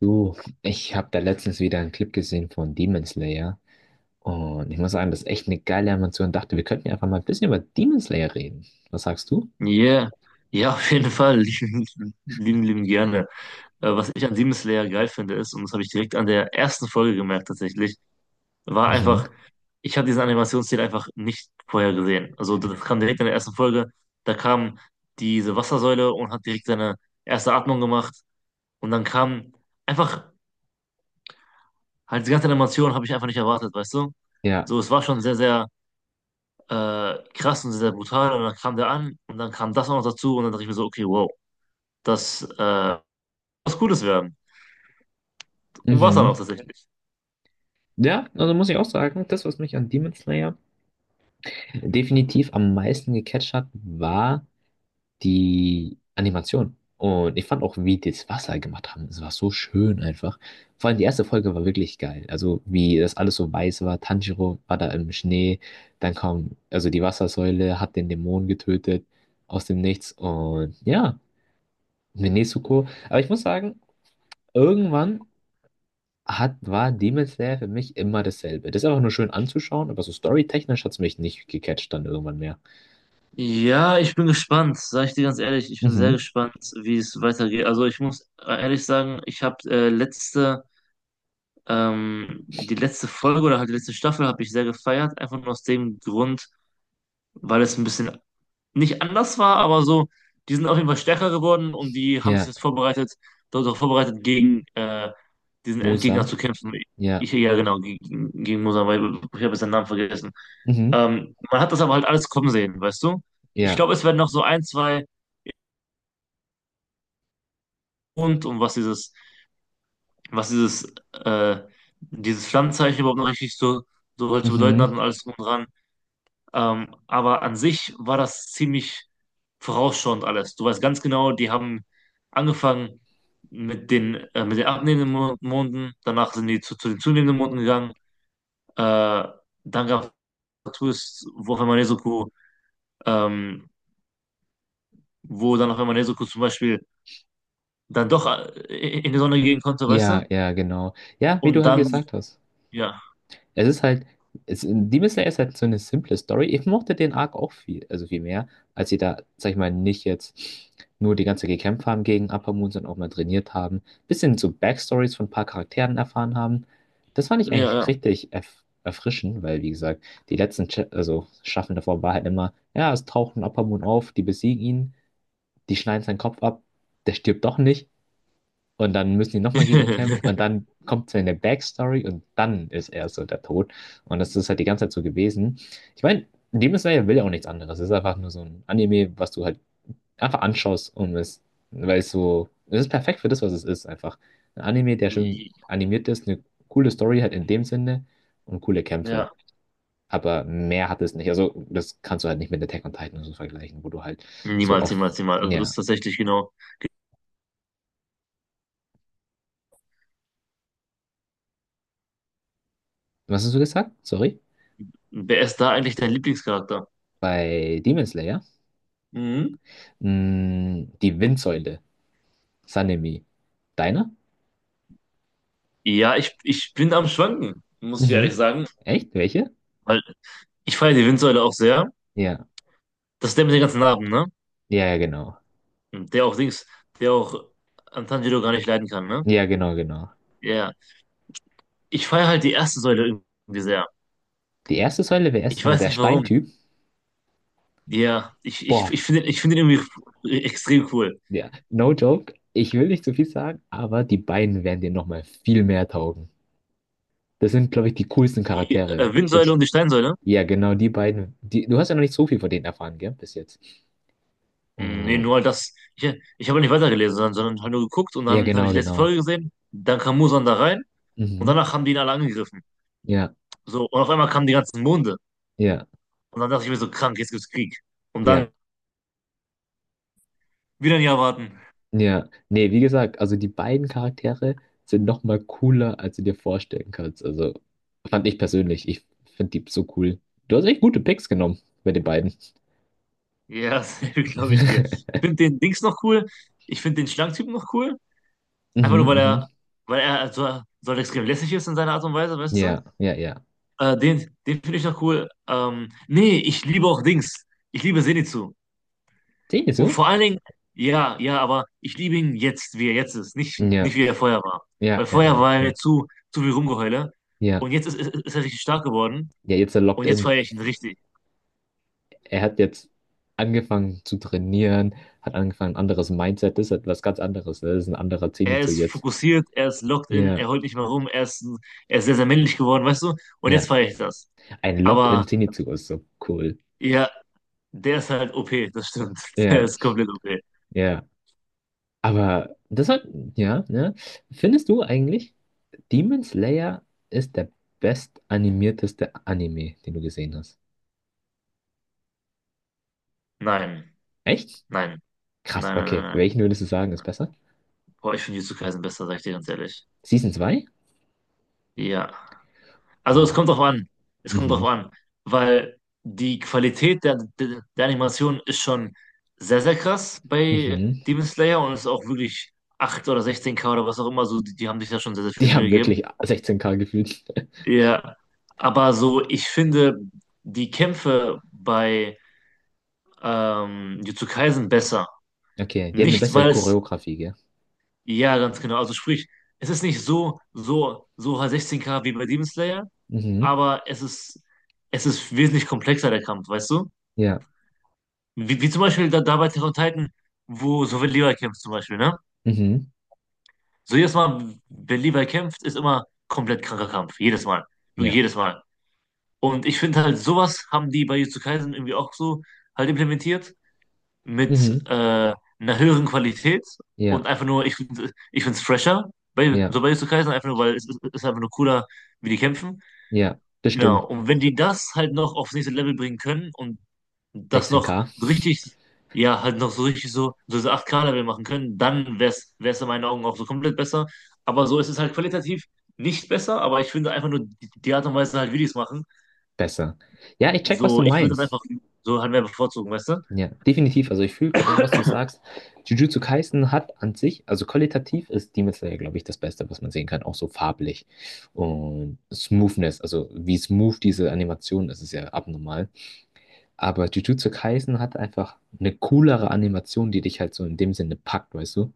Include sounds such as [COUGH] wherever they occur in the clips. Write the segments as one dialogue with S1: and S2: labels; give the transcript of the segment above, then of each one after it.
S1: Du, ich habe da letztens wieder einen Clip gesehen von Demon Slayer und ich muss sagen, das ist echt eine geile Animation. Dachte, wir könnten ja einfach mal ein bisschen über Demon Slayer reden. Was sagst du?
S2: Ja, Ja, [LAUGHS] auf jeden Fall. [LAUGHS] Lieben gerne. Was ich an Demon Slayer geil finde, ist, und das habe ich direkt an der ersten Folge gemerkt tatsächlich, war
S1: Mhm.
S2: einfach, ich habe diesen Animationsstil einfach nicht vorher gesehen. Also das kam direkt in der ersten Folge. Da kam diese Wassersäule und hat direkt seine erste Atmung gemacht. Und dann kam einfach, halt die ganze Animation habe ich einfach nicht erwartet, weißt du?
S1: Ja.
S2: So, es war schon sehr, sehr krass und sehr, sehr brutal. Und dann kam der an und dann kam das auch noch dazu und dann dachte ich mir so, okay, wow, das was Gutes werden. Und war es dann auch
S1: Mhm.
S2: tatsächlich.
S1: Ja, also muss ich auch sagen, das, was mich an Demon Slayer definitiv am meisten gecatcht hat, war, die Animation. Und ich fand auch, wie die das Wasser gemacht haben, es war so schön einfach. Vor allem die erste Folge war wirklich geil. Also wie das alles so weiß war, Tanjiro war da im Schnee, dann kam, also die Wassersäule hat den Dämon getötet aus dem Nichts und ja, mit Nezuko. Aber ich muss sagen, irgendwann war Demon Slayer für mich immer dasselbe. Das ist einfach nur schön anzuschauen, aber so storytechnisch hat es mich nicht gecatcht dann irgendwann mehr.
S2: Ja, ich bin gespannt, sage ich dir ganz ehrlich. Ich bin sehr
S1: Mhm.
S2: gespannt, wie es weitergeht. Also ich muss ehrlich sagen, ich habe die letzte Folge oder halt die letzte Staffel habe ich sehr gefeiert, einfach nur aus dem Grund, weil es ein bisschen nicht anders war, aber so, die sind auf jeden Fall stärker geworden und die haben sich
S1: Ja,
S2: jetzt vorbereitet, dort auch vorbereitet, gegen diesen
S1: Muzan.
S2: Endgegner zu kämpfen.
S1: Ja.
S2: Ja, genau, gegen Mosambik, ich habe jetzt seinen Namen vergessen.
S1: Mhm.
S2: Man hat das aber halt alles kommen sehen, weißt du? Ich
S1: Ja.
S2: glaube, es werden noch so ein, zwei und um was dieses, dieses Pflanzenzeichen überhaupt noch richtig so, so halt zu bedeuten hat
S1: Mhm.
S2: und alles drum und dran. Aber an sich war das ziemlich vorausschauend alles. Du weißt ganz genau, die haben angefangen mit den abnehmenden Monden, danach sind die zu den zunehmenden Monden gegangen. Äh, Dann gab es Twists, wo auf einmal Nezuko, ähm, wo dann auf einmal Nezuko zum Beispiel dann doch in die Sonne gehen konnte, weißt du?
S1: Ja, ja, genau. Ja, wie du
S2: Und
S1: halt
S2: dann,
S1: gesagt hast.
S2: ja,
S1: Es ist halt, Demon Slayer ist halt so eine simple Story. Ich mochte den Arc auch viel, also viel mehr, als sie da, sag ich mal, nicht jetzt nur die ganze Zeit gekämpft haben gegen Upper Moon, sondern auch mal trainiert haben. Bisschen so Backstories von ein paar Charakteren erfahren haben. Das fand ich
S2: ja,
S1: eigentlich
S2: ja.
S1: richtig erfrischend, weil, wie gesagt, die letzten Cha also Staffeln davor war halt immer, ja, es taucht ein Upper Moon auf, die besiegen ihn, die schneiden seinen Kopf ab, der stirbt doch nicht. Und dann müssen die nochmal gegen ihn kämpfen. Und
S2: [LAUGHS]
S1: dann kommt seine Backstory und dann ist er so der Tod. Und das ist halt die ganze Zeit so gewesen. Ich meine, Demon Slayer will ja auch nichts anderes. Es ist einfach nur so ein Anime, was du halt einfach anschaust und es, weil es so, es ist perfekt für das, was es ist, einfach. Ein Anime, der schön animiert ist, eine coole Story halt in dem Sinne und coole Kämpfe.
S2: Ja.
S1: Aber mehr hat es nicht. Also, das kannst du halt nicht mit Attack on Titan und so vergleichen, wo du halt so
S2: Niemals,
S1: oft,
S2: niemals, niemals. Also das
S1: ja.
S2: ist tatsächlich genau.
S1: Was hast du gesagt? Sorry?
S2: Wer ist da eigentlich dein Lieblingscharakter?
S1: Bei Demon Slayer?
S2: Mhm.
S1: Die Windsäule. Sanemi. Deiner?
S2: Ja, ich bin am Schwanken, muss ich ehrlich
S1: Mhm.
S2: sagen.
S1: Echt? Welche?
S2: Weil ich feiere die Windsäule auch sehr.
S1: Ja.
S2: Das ist der mit den ganzen Narben, ne?
S1: Ja, ja, genau.
S2: Der auch Dings, der auch Antanjiro gar nicht leiden kann, ne?
S1: Ja, genau, genau.
S2: Ja. Ich feiere halt die erste Säule irgendwie sehr.
S1: Die erste Säule wäre erst
S2: Ich
S1: nochmal
S2: weiß
S1: der
S2: nicht warum.
S1: Steintyp.
S2: Ja,
S1: Boah,
S2: ich finde den irgendwie extrem cool.
S1: ja, no joke. Ich will nicht zu viel sagen, aber die beiden werden dir nochmal viel mehr taugen. Das sind, glaube ich, die coolsten
S2: Die
S1: Charaktere.
S2: Windsäule
S1: Ist,
S2: und die Steinsäule?
S1: ja, genau, die beiden. Die, du hast ja noch nicht so viel von denen erfahren, gell, bis jetzt.
S2: Hm, nee,
S1: Und,
S2: nur halt das. Ich habe nicht weitergelesen, sondern halt nur geguckt und
S1: ja,
S2: dann habe
S1: genau,
S2: ich die letzte
S1: genau.
S2: Folge gesehen. Dann kam Muzan da rein und
S1: Mhm.
S2: danach haben die ihn alle angegriffen.
S1: Ja,
S2: So, und auf einmal kamen die ganzen Monde.
S1: ja,
S2: Und dann dachte ich mir so, krank, jetzt gibt's Krieg. Und
S1: ja.
S2: dann wieder ein Jahr warten.
S1: Ja, nee, wie gesagt, also die beiden Charaktere sind noch mal cooler, als du dir vorstellen kannst. Also fand ich persönlich, ich finde die so cool. Du hast echt gute Picks genommen bei den beiden.
S2: Ja, [LAUGHS] glaube ich dir. Ich
S1: [LAUGHS]
S2: finde den Dings noch cool. Ich finde den Schlangentypen noch cool. Einfach
S1: Mhm,
S2: nur,
S1: mhm.
S2: weil er so, so halt extrem lässig ist in seiner Art und Weise, weißt du?
S1: Ja, ja, ja.
S2: Den finde ich noch cool. Nee, ich liebe auch Dings. Ich liebe Zenitsu.
S1: Sehen die
S2: Und
S1: so?
S2: vor allen Dingen, ja, ja, aber ich liebe ihn jetzt, wie er jetzt ist.
S1: Ja,
S2: Nicht wie er vorher war.
S1: ja,
S2: Weil
S1: ja,
S2: vorher
S1: ja,
S2: war
S1: okay.
S2: er zu viel Rumgeheule.
S1: Ja,
S2: Und jetzt ist er richtig stark geworden.
S1: ja, jetzt er locked
S2: Und jetzt
S1: in.
S2: feiere ich ihn richtig.
S1: Er hat jetzt angefangen zu trainieren, hat angefangen, ein anderes Mindset, das ist etwas ganz anderes, ne? Das ist ein anderer
S2: Er
S1: Zenitsu
S2: ist
S1: jetzt.
S2: fokussiert, er ist locked in,
S1: Ja,
S2: er holt nicht mehr rum, er ist sehr, sehr männlich geworden, weißt du? Und jetzt
S1: ja.
S2: feiere ich das.
S1: Ein locked in
S2: Aber
S1: Zenitsu ist so cool.
S2: ja, der ist halt OP, das stimmt. [LAUGHS] Der
S1: Ja,
S2: ist komplett OP.
S1: ja. Aber das ja, ne? Findest du eigentlich, Demon Slayer ist der bestanimierteste Anime, den du gesehen hast?
S2: Nein,
S1: Echt?
S2: nein,
S1: Krass, okay.
S2: nein.
S1: Welchen
S2: Nein.
S1: würdest du sagen, ist besser?
S2: Boah, ich finde Jujutsu Kaisen besser, sag ich dir ganz ehrlich.
S1: Season zwei.
S2: Ja. Also es kommt drauf
S1: Boah.
S2: an. Es kommt drauf
S1: Mhm,
S2: an. Weil die Qualität der Animation ist schon sehr, sehr krass bei
S1: mhm.
S2: Demon Slayer und ist auch wirklich 8K oder 16K oder was auch immer. So, die haben sich da schon sehr, sehr viel
S1: Die
S2: Mühe
S1: haben
S2: gegeben.
S1: wirklich 16K gefühlt.
S2: Ja, aber so, ich finde die Kämpfe bei Jujutsu Kaisen besser.
S1: Okay, die haben eine
S2: Nicht,
S1: bessere
S2: weil es,
S1: Choreografie, gell?
S2: ja, ganz genau, also sprich, es ist nicht so 16K wie bei Demon Slayer,
S1: Mhm,
S2: aber es ist wesentlich komplexer, der Kampf, weißt du?
S1: ja,
S2: Wie, wie zum Beispiel da bei Attack on Titan, wo so wenn Levi kämpft zum Beispiel, ne?
S1: mhm,
S2: So jedes Mal, wenn Levi kämpft, ist immer komplett kranker Kampf. Jedes Mal. Wirklich
S1: ja,
S2: jedes Mal. Und ich finde halt, sowas haben die bei Jujutsu Kaisen irgendwie auch so halt implementiert mit
S1: mhm,
S2: äh, einer höheren Qualität und
S1: ja,
S2: einfach nur, ich find's fresher,
S1: ja,
S2: so bei Jujutsu Kaisen, einfach nur, weil ist einfach nur cooler, wie die kämpfen.
S1: ja,
S2: Genau,
S1: bestimmt.
S2: und wenn die das halt noch aufs nächste Level bringen können und das noch
S1: 16K,
S2: so richtig, ja, halt noch so richtig so, so diese 8K-Level machen können, dann wäre es in meinen Augen auch so komplett besser. Aber so ist es halt qualitativ nicht besser, aber ich finde einfach nur die Art und Weise halt, wie die es machen
S1: besser. Ja, ich check, was du
S2: so, ich würde das einfach
S1: meinst.
S2: so halt mehr bevorzugen, weißt du?
S1: Ja, definitiv. Also ich fühle genau, was du sagst. Jujutsu Kaisen hat an sich, also qualitativ ist Demon Slayer, glaube ich, das Beste, was man sehen kann, auch so farblich. Und Smoothness, also wie smooth diese Animation ist, ist ja abnormal. Aber Jujutsu Kaisen hat einfach eine coolere Animation, die dich halt so in dem Sinne packt, weißt du?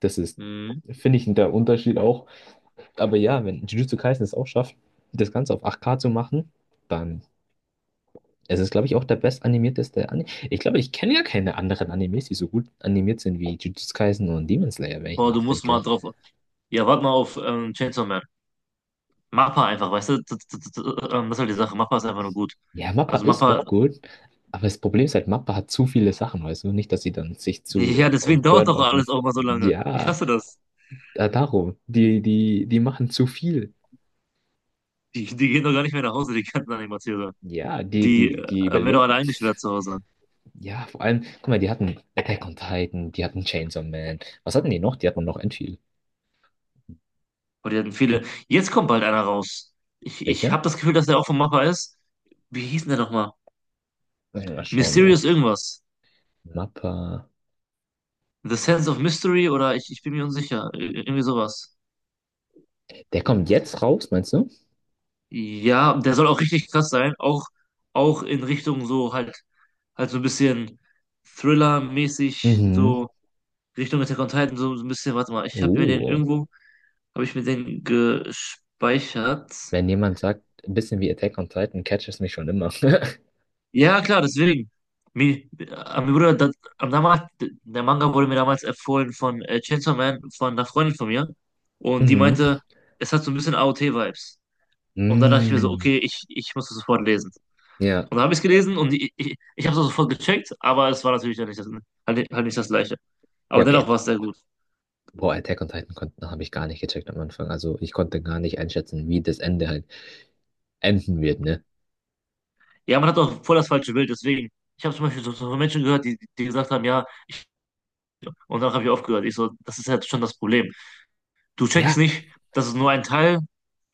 S1: Das ist,
S2: Mhm.
S1: finde ich, der Unterschied auch. Aber ja, wenn Jujutsu Kaisen es auch schafft, das Ganze auf 8K zu machen, dann es ist, glaube ich, auch der bestanimierteste Anime. Ich glaube, ich kenne ja keine anderen Animes, die so gut animiert sind wie Jujutsu Kaisen und Demon Slayer, wenn ich
S2: Boah, du musst
S1: nachdenke.
S2: mal drauf. Ja, warte mal auf Chainsaw Man. Mappa einfach, weißt du? Das das ist halt die Sache. Mappa ist einfach nur gut.
S1: Ja, Mappa
S2: Also
S1: ist
S2: Mappa,
S1: auch gut, aber das Problem ist halt, Mappa hat zu viele Sachen, weißt du? Nicht, dass sie dann sich
S2: ja,
S1: zu
S2: deswegen dauert doch
S1: burnouten.
S2: alles auch mal so lange. Ich
S1: Ja,
S2: hasse das.
S1: darum. Die machen zu viel.
S2: Die gehen doch gar nicht mehr nach Hause, die ganzen Animateure.
S1: Ja, die,
S2: Die
S1: die, die
S2: werden doch alle
S1: überleben.
S2: eingesperrt zu Hause.
S1: Ja, vor allem, guck mal, die hatten Attack on Titan, die hatten Chainsaw Man. Was hatten die noch? Die hatten noch ein viel.
S2: Und die hatten viele. Jetzt kommt bald einer raus. Ich
S1: Welcher?
S2: habe das Gefühl, dass der auch von Mappa ist. Wie hieß denn der nochmal?
S1: Lass mich mal schauen
S2: Mysterious
S1: noch.
S2: irgendwas.
S1: Mappa.
S2: The Sense of Mystery oder ich bin mir unsicher. Irgendwie sowas.
S1: Der kommt jetzt raus, meinst du?
S2: Ja, der soll auch richtig krass sein. Auch, auch in Richtung so halt, halt so ein bisschen Thriller-mäßig,
S1: Mhm.
S2: so Richtung Attack on Titan, so so ein bisschen, warte mal, ich habe mir den
S1: Uh.
S2: irgendwo, habe ich mir den gespeichert.
S1: Wenn jemand sagt, ein bisschen wie Attack on Titan, catcht es mich schon immer. [LAUGHS]
S2: Ja, klar, deswegen. Mir, äh, mir wurde das, am damals, der Manga wurde mir damals empfohlen von Chainsaw Man, von einer Freundin von mir. Und die
S1: Mhm.
S2: meinte, es hat so ein bisschen AOT-Vibes. Und da dachte ich mir so,
S1: Mm.
S2: okay, ich muss das sofort lesen.
S1: Ja,
S2: Und dann habe ich es gelesen und ich habe es sofort gecheckt, aber es war natürlich dann nicht halt nicht das Gleiche.
S1: ja,
S2: Aber dennoch war
S1: geht.
S2: es sehr gut.
S1: Boah, Attack on Titan konnten, habe ich gar nicht gecheckt am Anfang. Also ich konnte gar nicht einschätzen, wie das Ende halt enden wird, ne?
S2: Ja, man hat auch voll das falsche Bild, deswegen. Ich habe zum Beispiel so so von Menschen gehört, die gesagt haben, ja, und dann habe ich aufgehört. Ich so, das ist ja schon das Problem. Du checkst
S1: Ja,
S2: nicht, dass es nur ein Teil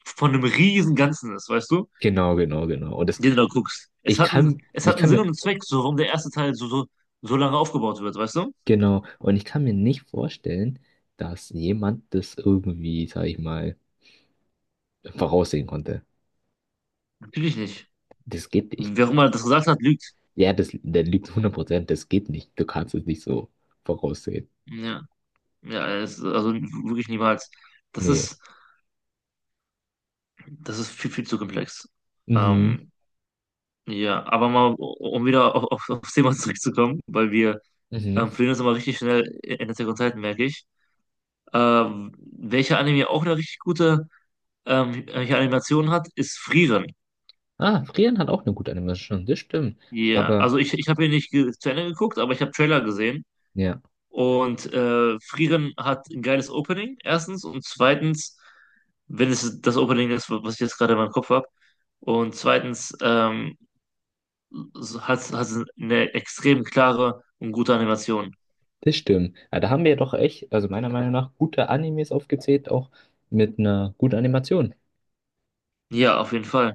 S2: von einem riesen Ganzen ist, weißt du,
S1: genau, genau, genau. Und das,
S2: den du da guckst. Es
S1: ich
S2: hat einen
S1: kann
S2: Sinn
S1: mir,
S2: und einen Zweck, so warum der erste Teil so lange aufgebaut wird, weißt du?
S1: genau, und ich kann mir nicht vorstellen, dass jemand das irgendwie, sag ich mal, voraussehen konnte.
S2: Natürlich nicht.
S1: Das geht nicht.
S2: Wer auch immer das gesagt hat, lügt.
S1: Ja, das, der liegt 100%, das geht nicht. Du kannst es nicht so voraussehen.
S2: Ja, ja, es, also wirklich niemals. Das
S1: Nee.
S2: ist. Das ist viel zu komplex.
S1: Mhm.
S2: Ähm, ja, aber mal, um wieder aufs Thema zurückzukommen, weil wir
S1: Mhm.
S2: verlieren uns immer richtig schnell in der Zeit, merke ich. Welcher Anime auch eine richtig gute Welche Animation hat, ist Frieren.
S1: Ah, Frieren hat auch eine gute Animation, das stimmt.
S2: Ja,
S1: Aber,
S2: also ich habe ihn nicht zu Ende geguckt, aber ich habe Trailer gesehen.
S1: ja,
S2: Und Frieren hat ein geiles Opening, erstens. Und zweitens, wenn es das Opening ist, was ich jetzt gerade in meinem Kopf habe. Und zweitens, hat eine extrem klare und gute Animation.
S1: das stimmt. Ja, da haben wir doch echt, also meiner Meinung nach, gute Animes aufgezählt, auch mit einer guten Animation.
S2: Ja, auf jeden Fall.